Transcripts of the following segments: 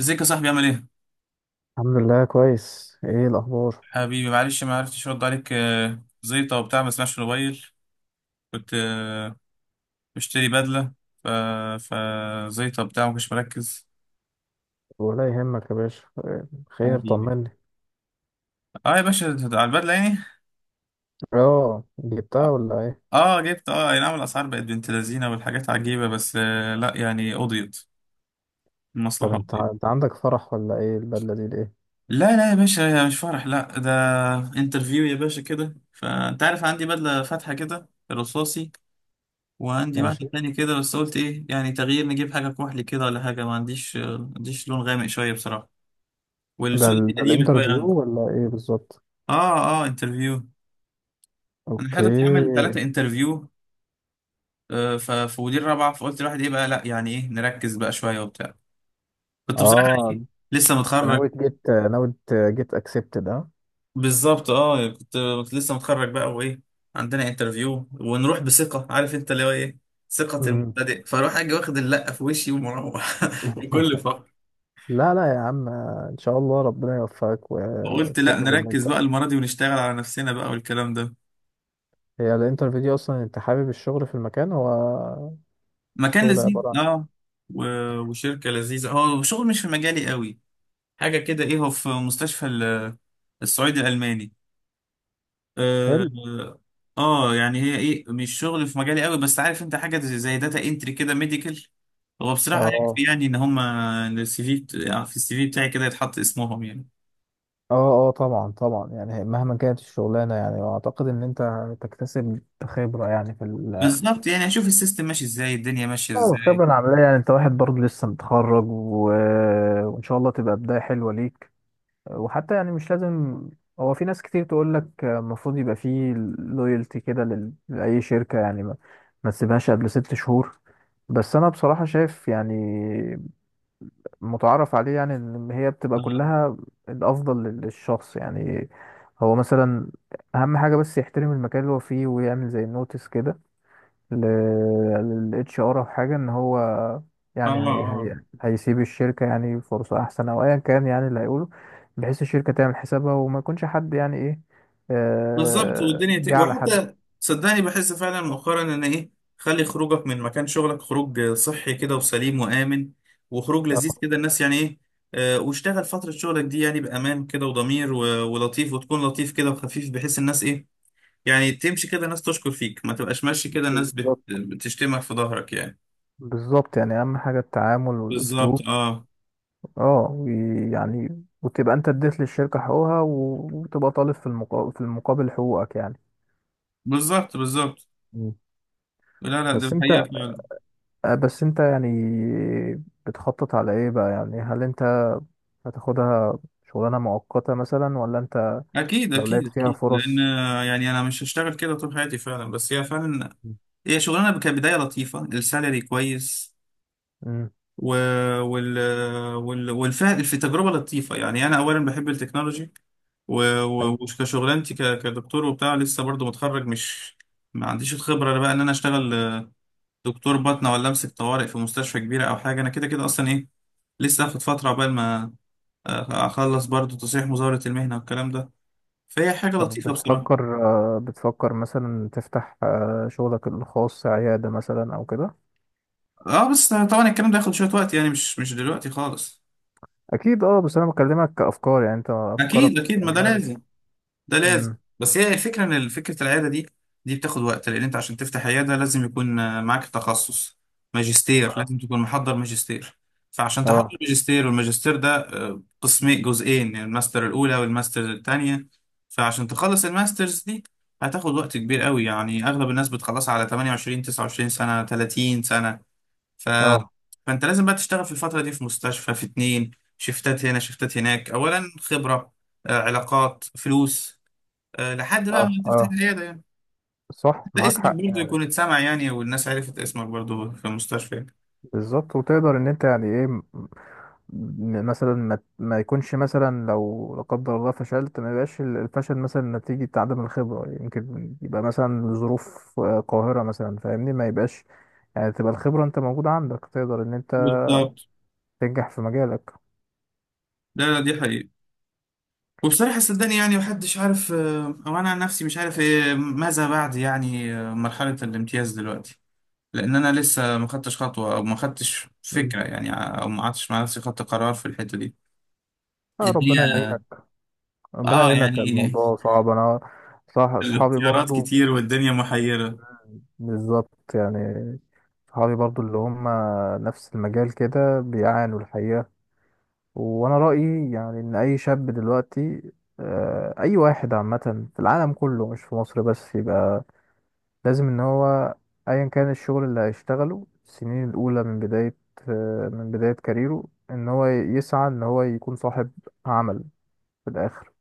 ازيك يا صاحبي، عامل ايه؟ الحمد لله، كويس. ايه الاخبار؟ حبيبي، معلش ما عرفتش ارد عليك، زيطة وبتاع، ما سمعش الموبايل. كنت بشتري بدلة، ف فزيطة وبتاع ما كنتش مركز. ولا يهمك يا باشا. إيه؟ خير؟ حبيبي، طمني. اه يا باشا، ده على البدلة يعني. اه، جبتها اه، ولا ايه؟ جبت، اه اي نعم، الاسعار بقت بنت لذينة والحاجات عجيبة، بس لا يعني قضيت طب المصلحة، قضيت. انت عندك فرح ولا ايه؟ البدله دي ليه؟ لا لا يا باشا، مش فرح، لا، ده انترفيو يا باشا، كده، فانت عارف عندي بدلة فاتحة كده رصاصي. وعندي ماشي. واحد تاني كده، بس قلت ايه يعني، تغيير، نجيب حاجة كحلي كده ولا حاجة. ما عنديش لون غامق شوية بصراحة. والسود دي ده قديمة شوية عندي. الانترفيو ولا ايه بالظبط؟ اه اه، انترفيو. انا اوكي. حاطط اعمل ثلاثة انترفيو، ففي ودي الرابعة، فقلت الواحد ايه بقى، لا يعني ايه، نركز بقى شوية وبتاع. كنت بصراحة اه، إيه، انت لسه متخرج. ناوي جيت اكسبتد، اه. بالظبط اه، كنت لسه متخرج بقى وايه، عندنا انترفيو ونروح بثقة، عارف انت اللي هو ايه، ثقة امم. المبتدئ، فاروح اجي واخد اللقة في وشي ومروح. بكل فرح. لا، لا يا عم، ان شاء الله ربنا يوفقك فقلت لا، وتقدر ان نركز انت... بقى المرة دي ونشتغل على نفسنا بقى والكلام ده. هي الانترفيو دي اصلا انت حابب الشغل في المكان؟ هو مكان الشغل لذيذ عباره عن... اه، و... وشركة لذيذة، هو شغل مش في مجالي قوي. حاجة كده ايه، هو في مستشفى الصعيدي الألماني اه. حلو. يعني هي ايه، مش شغل في مجالي قوي، بس عارف انت حاجة زي داتا انتري كده، ميديكال. هو بصراحة يكفي، اه، يعني ان هما السي في يعني في السي في بتاعي كده يتحط اسمهم يعني. اه، اه، طبعا طبعا. يعني مهما كانت الشغلانه، يعني اعتقد ان انت تكتسب خبره يعني في ال... بالظبط، يعني اشوف السيستم ماشي ازاي، الدنيا ماشية اه، ازاي. الخبره العمليه. يعني انت واحد برضه لسه متخرج، و... وان شاء الله تبقى بدايه حلوه ليك. وحتى يعني مش لازم. هو في ناس كتير تقول لك المفروض يبقى فيه لويالتي كده لاي شركه، يعني ما تسيبهاش قبل 6 شهور. بس انا بصراحه شايف يعني متعارف عليه، يعني ان هي بتبقى اه كلها الافضل للشخص يعني. هو مثلا اهم حاجه بس يحترم المكان اللي هو فيه، ويعمل زي نوتس كده للاتش ار او حاجه، ان هو اه يعني هي آه. هي هيسيب الشركه يعني فرصه احسن، او ايا كان يعني اللي هيقوله، بحيث الشركه تعمل حسابها وما يكونش حد يعني ايه بالظبط والدنيا جه على حد. وحتى صدقني، بحس فعلا مؤخرا ان ايه، خلي خروجك من مكان شغلك خروج صحي كده وسليم وآمن، وخروج لذيذ آه، كده، الناس يعني ايه. واشتغل فترة شغلك دي يعني بأمان كده وضمير ولطيف، وتكون لطيف كده وخفيف، بحيث الناس ايه، يعني تمشي كده الناس تشكر فيك، ما تبقاش ماشي كده الناس بالظبط، بتشتمك في ظهرك يعني. بالظبط. يعني اهم حاجه التعامل بالظبط والاسلوب. اه، اه، ويعني وتبقى انت اديت للشركة حقوقها، و- وتبقى طالب في المقابل، حقوقك يعني. بالظبط بالظبط. مم. لا لا، ده بس انت الحقيقة فعلا. بس انت يعني بتخطط على ايه بقى؟ يعني هل انت هتاخدها شغلانة مؤقتة مثلا، ولا انت أكيد لو أكيد لقيت فيها أكيد، لأن فرص. يعني أنا مش هشتغل كده طول حياتي فعلا، بس هي فعلا، مم. هي شغلانه كبدايه لطيفه، السالري كويس. مم. و... وال... والفهم في تجربه لطيفه، يعني انا اولا بحب التكنولوجي. حلو. وكشغلانتي كدكتور وبتاع، لسه برضو متخرج مش ما عنديش الخبره بقى ان انا اشتغل دكتور باطنه، ولا امسك طوارئ في مستشفى كبيره او حاجه، انا كده كده اصلا ايه، لسه هاخد فتره عقبال ما اخلص برضو تصحيح مزاوله المهنه والكلام ده. فهي حاجه طب لطيفه بصراحه، بتفكر، بتفكر مثلا تفتح شغلك الخاص، عيادة مثلا او كده؟ اه. بس طبعا الكلام ده ياخد شويه وقت، يعني مش دلوقتي خالص. اكيد. اه، بس انا بكلمك كافكار، يعني انت افكارك اكيد اكيد، ما يعني. ده لازم، ده لازم. مم. بس هي الفكره، ان فكره العياده دي، دي بتاخد وقت، لان انت عشان تفتح عياده لازم يكون معاك تخصص، ماجستير، لازم تكون محضر ماجستير. فعشان تحضر اه، ماجستير، والماجستير ده قسمين، جزئين، يعني الماستر الاولى والماستر الثانيه. فعشان تخلص الماسترز دي، هتاخد وقت كبير قوي، يعني اغلب الناس بتخلصها على 28، 29 سنه، 30 سنه. ف... اه، فانت لازم بقى تشتغل في الفتره دي في مستشفى، في اتنين شفتات هنا شفتات هناك، اولا خبره، علاقات، فلوس، لحد اه، بقى ما اه، تفتح آه. العيادة يعني. صح، حتى معاك اسمك حق. برضه يكون اتسمع، يعني والناس عرفت اسمك برضه في المستشفى. بالظبط، وتقدر ان انت يعني ايه مثلا ما يكونش، مثلا لو لا قدر الله فشلت، ما يبقاش الفشل مثلا نتيجة عدم الخبرة. يمكن يبقى مثلا ظروف قاهرة مثلا، فاهمني؟ ما يبقاش يعني. تبقى الخبرة انت موجودة عندك، تقدر ان انت بالظبط. تنجح في مجالك. لا لا، دي حقيقة. وبصراحة صدقني يعني، محدش عارف، أو أنا عن نفسي مش عارف إيه ماذا بعد، يعني مرحلة الامتياز دلوقتي. لأن أنا لسه ما خدتش خطوة، أو ما خدتش مم. فكرة يعني، أو ما قعدتش مع نفسي، خدت قرار في الحتة دي. آه، الدنيا، ربنا يعينك. ربنا يعينك، يعني الموضوع صعب. انا صح، اصحابي الاختيارات برضو. كتير والدنيا محيرة. بالظبط يعني، صحابي برضو اللي هم نفس المجال كده بيعانوا الحقيقة. وانا رأيي يعني ان اي شاب دلوقتي، اي واحد عامة في العالم كله مش في مصر بس، يبقى لازم ان هو ايا كان الشغل اللي هيشتغله السنين الاولى من بداية، كاريره، ان هو يسعى ان هو يكون صاحب عمل في الاخر،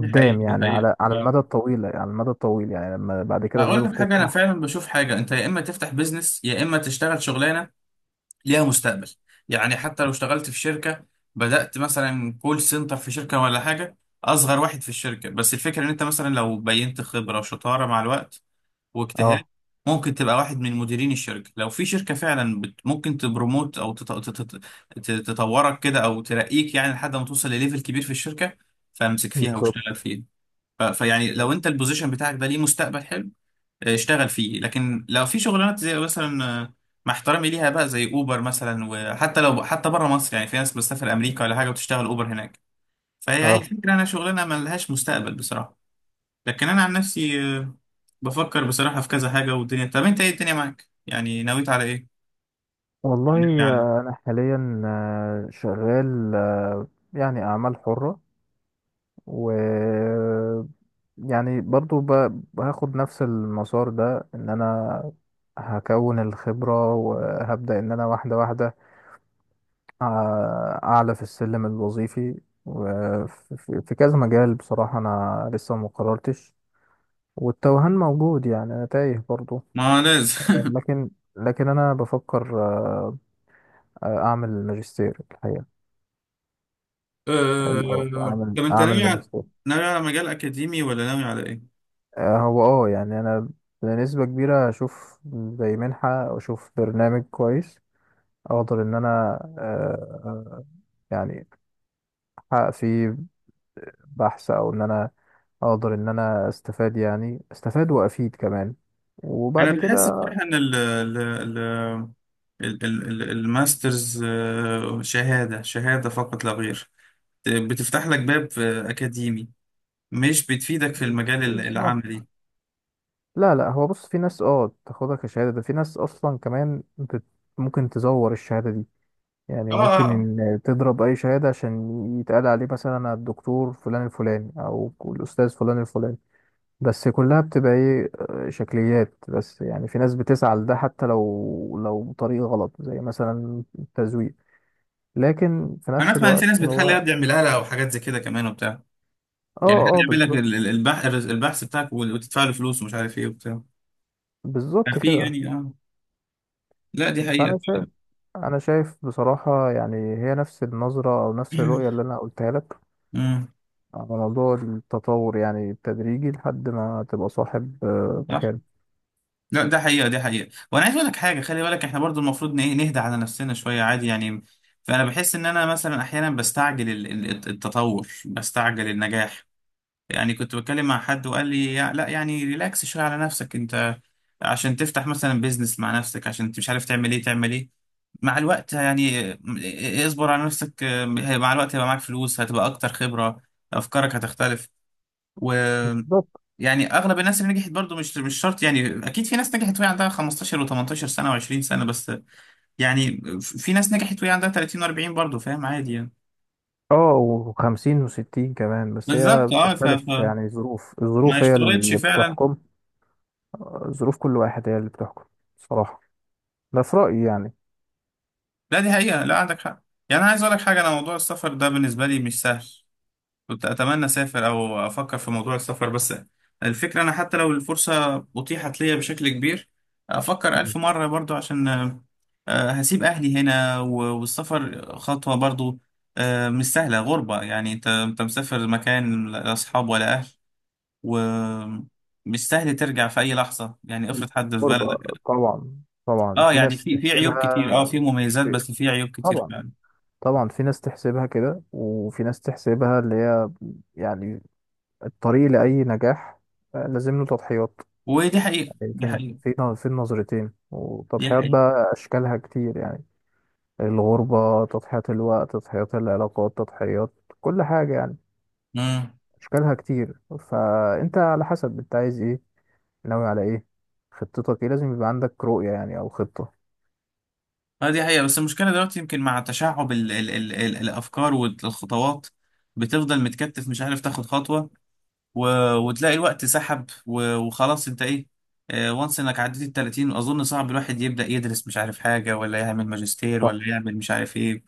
دي حقيقة، دي يعني، حقيقة. على المدى الطويل، على المدى الطويل، يعني لما بعد كده اقول الظروف لك حاجه، انا تسمح. فعلا بشوف حاجه، انت يا اما تفتح بيزنس، يا اما تشتغل شغلانه ليها مستقبل. يعني حتى لو اشتغلت في شركه، بدات مثلا كول سنتر في شركه ولا حاجه، اصغر واحد في الشركه، بس الفكره ان انت مثلا لو بينت خبره وشطاره مع الوقت واجتهاد، اه، ممكن تبقى واحد من مديرين الشركه، لو في شركه فعلا بت ممكن تبروموت، او تطورك كده، او ترقيك يعني لحد ما توصل لليفل كبير في الشركه، فامسك فيها بالظبط واشتغل فيها. فيعني لو بالظبط. انت البوزيشن بتاعك ده ليه مستقبل حلو، اشتغل فيه. لكن لو في شغلانات زي مثلا مع احترامي ليها بقى، زي اوبر مثلا، وحتى لو حتى بره مصر، يعني في ناس بتسافر امريكا ولا حاجه وتشتغل اوبر هناك، فهي اه، فكره، انا شغلانه ما لهاش مستقبل بصراحه. لكن انا عن نفسي بفكر بصراحه في كذا حاجه والدنيا. طب انت ايه الدنيا معاك، يعني نويت على ايه، والله. ناوي على ايه؟ انا حاليا شغال، يعني اعمال حرة، و... يعني برضو هاخد نفس المسار ده، ان انا هكون الخبرة وهبدأ ان انا واحدة واحدة أع- اعلى في السلم الوظيفي، وفي في كذا مجال بصراحة. انا لسه ما قررتش، والتوهان موجود يعني، انا تايه برضو. ما لازم. لكن لكن انا بفكر اعمل ماجستير الحقيقة. الاول اعمل طب انت ناوي على ماجستير. ناوي على مجال اكاديمي ولا ناوي على ايه؟ هو يعني انا بنسبة كبيرة اشوف زي منحة، او اشوف برنامج كويس اقدر ان انا آه، يعني احقق فيه بحث، او ان انا اقدر ان انا استفاد، يعني استفاد وافيد كمان، انا وبعد بحس كده... بصراحه ان الماسترز شهاده، شهاده فقط لا غير، بتفتح لك باب اكاديمي، مش بتفيدك في المجال بالظبط. العملي. لا، لا هو بص. في ناس تاخدها كشهادة، ده في ناس اصلا كمان ممكن تزور الشهادة دي. يعني اه ممكن آه. إن تضرب أي شهادة عشان يتقال عليه مثلا الدكتور فلان الفلاني، أو الأستاذ فلان الفلاني، بس كلها بتبقى إيه، شكليات بس. يعني في ناس بتسعى لده حتى لو بطريقة غلط، زي مثلا التزوير. لكن في انا نفس اسمع ان في الوقت ناس بتحل هو، يد يعملها لها او حاجات زي كده كمان وبتاع، اه، يعني حد اه، يعمل لك بالظبط، البحث بتاعك وتدفع له فلوس ومش عارف ايه وبتاع، بالظبط في كده. يعني اه. لا دي حقيقه. فأنا شايف أنا شايف بصراحة، يعني هي نفس النظرة أو نفس الرؤية اللي أنا قلتها لك مم. على موضوع التطور، يعني التدريجي، لحد ما تبقى صاحب صح. مكان. لا ده حقيقة، دي حقيقة. وانا عايز اقول لك حاجة، خلي بالك احنا برضو المفروض نهدى على نفسنا شوية عادي يعني. فانا بحس ان انا مثلا احيانا بستعجل التطور، بستعجل النجاح. يعني كنت بتكلم مع حد وقال لي لا يعني ريلاكس شوية على نفسك، انت عشان تفتح مثلا بيزنس مع نفسك، عشان انت مش عارف تعمل ايه، تعمل ايه مع الوقت. يعني اصبر على نفسك، مع الوقت هيبقى معاك فلوس، هتبقى اكتر خبرة، افكارك هتختلف. يعني اغلب الناس اللي نجحت برضو مش شرط، يعني اكيد في ناس نجحت وهي عندها 15 و18 سنه و20 سنه بس، يعني في ناس نجحت وهي عندها 30 و40 برضو، فاهم عادي يعني. اه، وخمسين وستين كمان، بس هي بالظبط اه، بتختلف يعني، الظروف ما الظروف هي يشترطش اللي فعلا. بتحكم. ظروف كل واحد هي اللي بتحكم، بصراحة، ده في رأيي يعني. لا دي حقيقه، لا عندك حق. يعني انا عايز اقول لك حاجه، انا موضوع السفر ده بالنسبه لي مش سهل. كنت أتمنى أسافر، أو أفكر في موضوع السفر، بس الفكرة أنا حتى لو الفرصة أتيحت ليا بشكل كبير، أفكر ألف مم. مرة برضو، عشان هسيب أهلي هنا والسفر خطوة برضو مش سهلة، غربة يعني، أنت مسافر مكان لا أصحاب ولا أهل، ومش سهل ترجع في أي لحظة، يعني افرض حد في الغربة. بلدك. طبعا، طبعا أه في يعني، ناس في عيوب كتير، أه تحسبها. في مميزات في... بس في عيوب كتير طبعا، فعلا. طبعا في ناس تحسبها كده، وفي ناس تحسبها اللي هي يعني الطريق لأي نجاح، لازم له تضحيات. ودي حقيقة، يعني دي فين، حقيقة، في النظرتين، دي وتضحيات حقيقة. بقى أشكالها كتير يعني. الغربة تضحية، الوقت تضحيات، العلاقات تضحيات، كل حاجة يعني مم. أشكالها كتير. فأنت على حسب أنت عايز إيه، ناوي على إيه، خطتك إيه. لازم يبقى عندك رؤية يعني، أو خطة. اه دي حقيقة، بس المشكلة دلوقتي يمكن مع تشعب ال ال ال ال الأفكار والخطوات، بتفضل متكتف، مش عارف تاخد خطوة، و وتلاقي الوقت سحب، وخلاص انت ايه، وانس انك عديت ال 30، اظن صعب الواحد يبدأ يدرس مش عارف حاجة، ولا يعمل ماجستير، صح، ولا يعمل مش عارف ايه،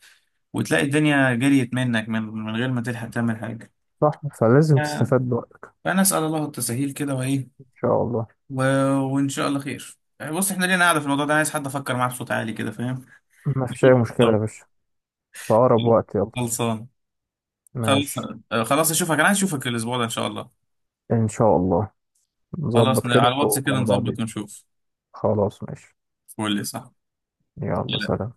وتلاقي الدنيا جريت منك، من غير ما تلحق تعمل حاجة. صح، فلازم آه، تستفاد بوقتك. فأنا أسأل الله التسهيل كده وإيه، إن شاء الله. و... وإن شاء الله خير. بص إحنا لينا قاعدة في الموضوع ده، عايز حد أفكر معاه بصوت عالي كده، فاهم؟ ما فيش أي مشكلة يا باشا، في أقرب وقت، يلا. خلصان. خلاص. ماشي. خلاص اشوفك، انا عايز اشوفك الاسبوع ده ان شاء الله. إن شاء الله، خلاص نظبط على كده الواتس كده ومع نظبط بعضين. ونشوف. خلاص، ماشي. قول لي صح. يلا، لا سلام.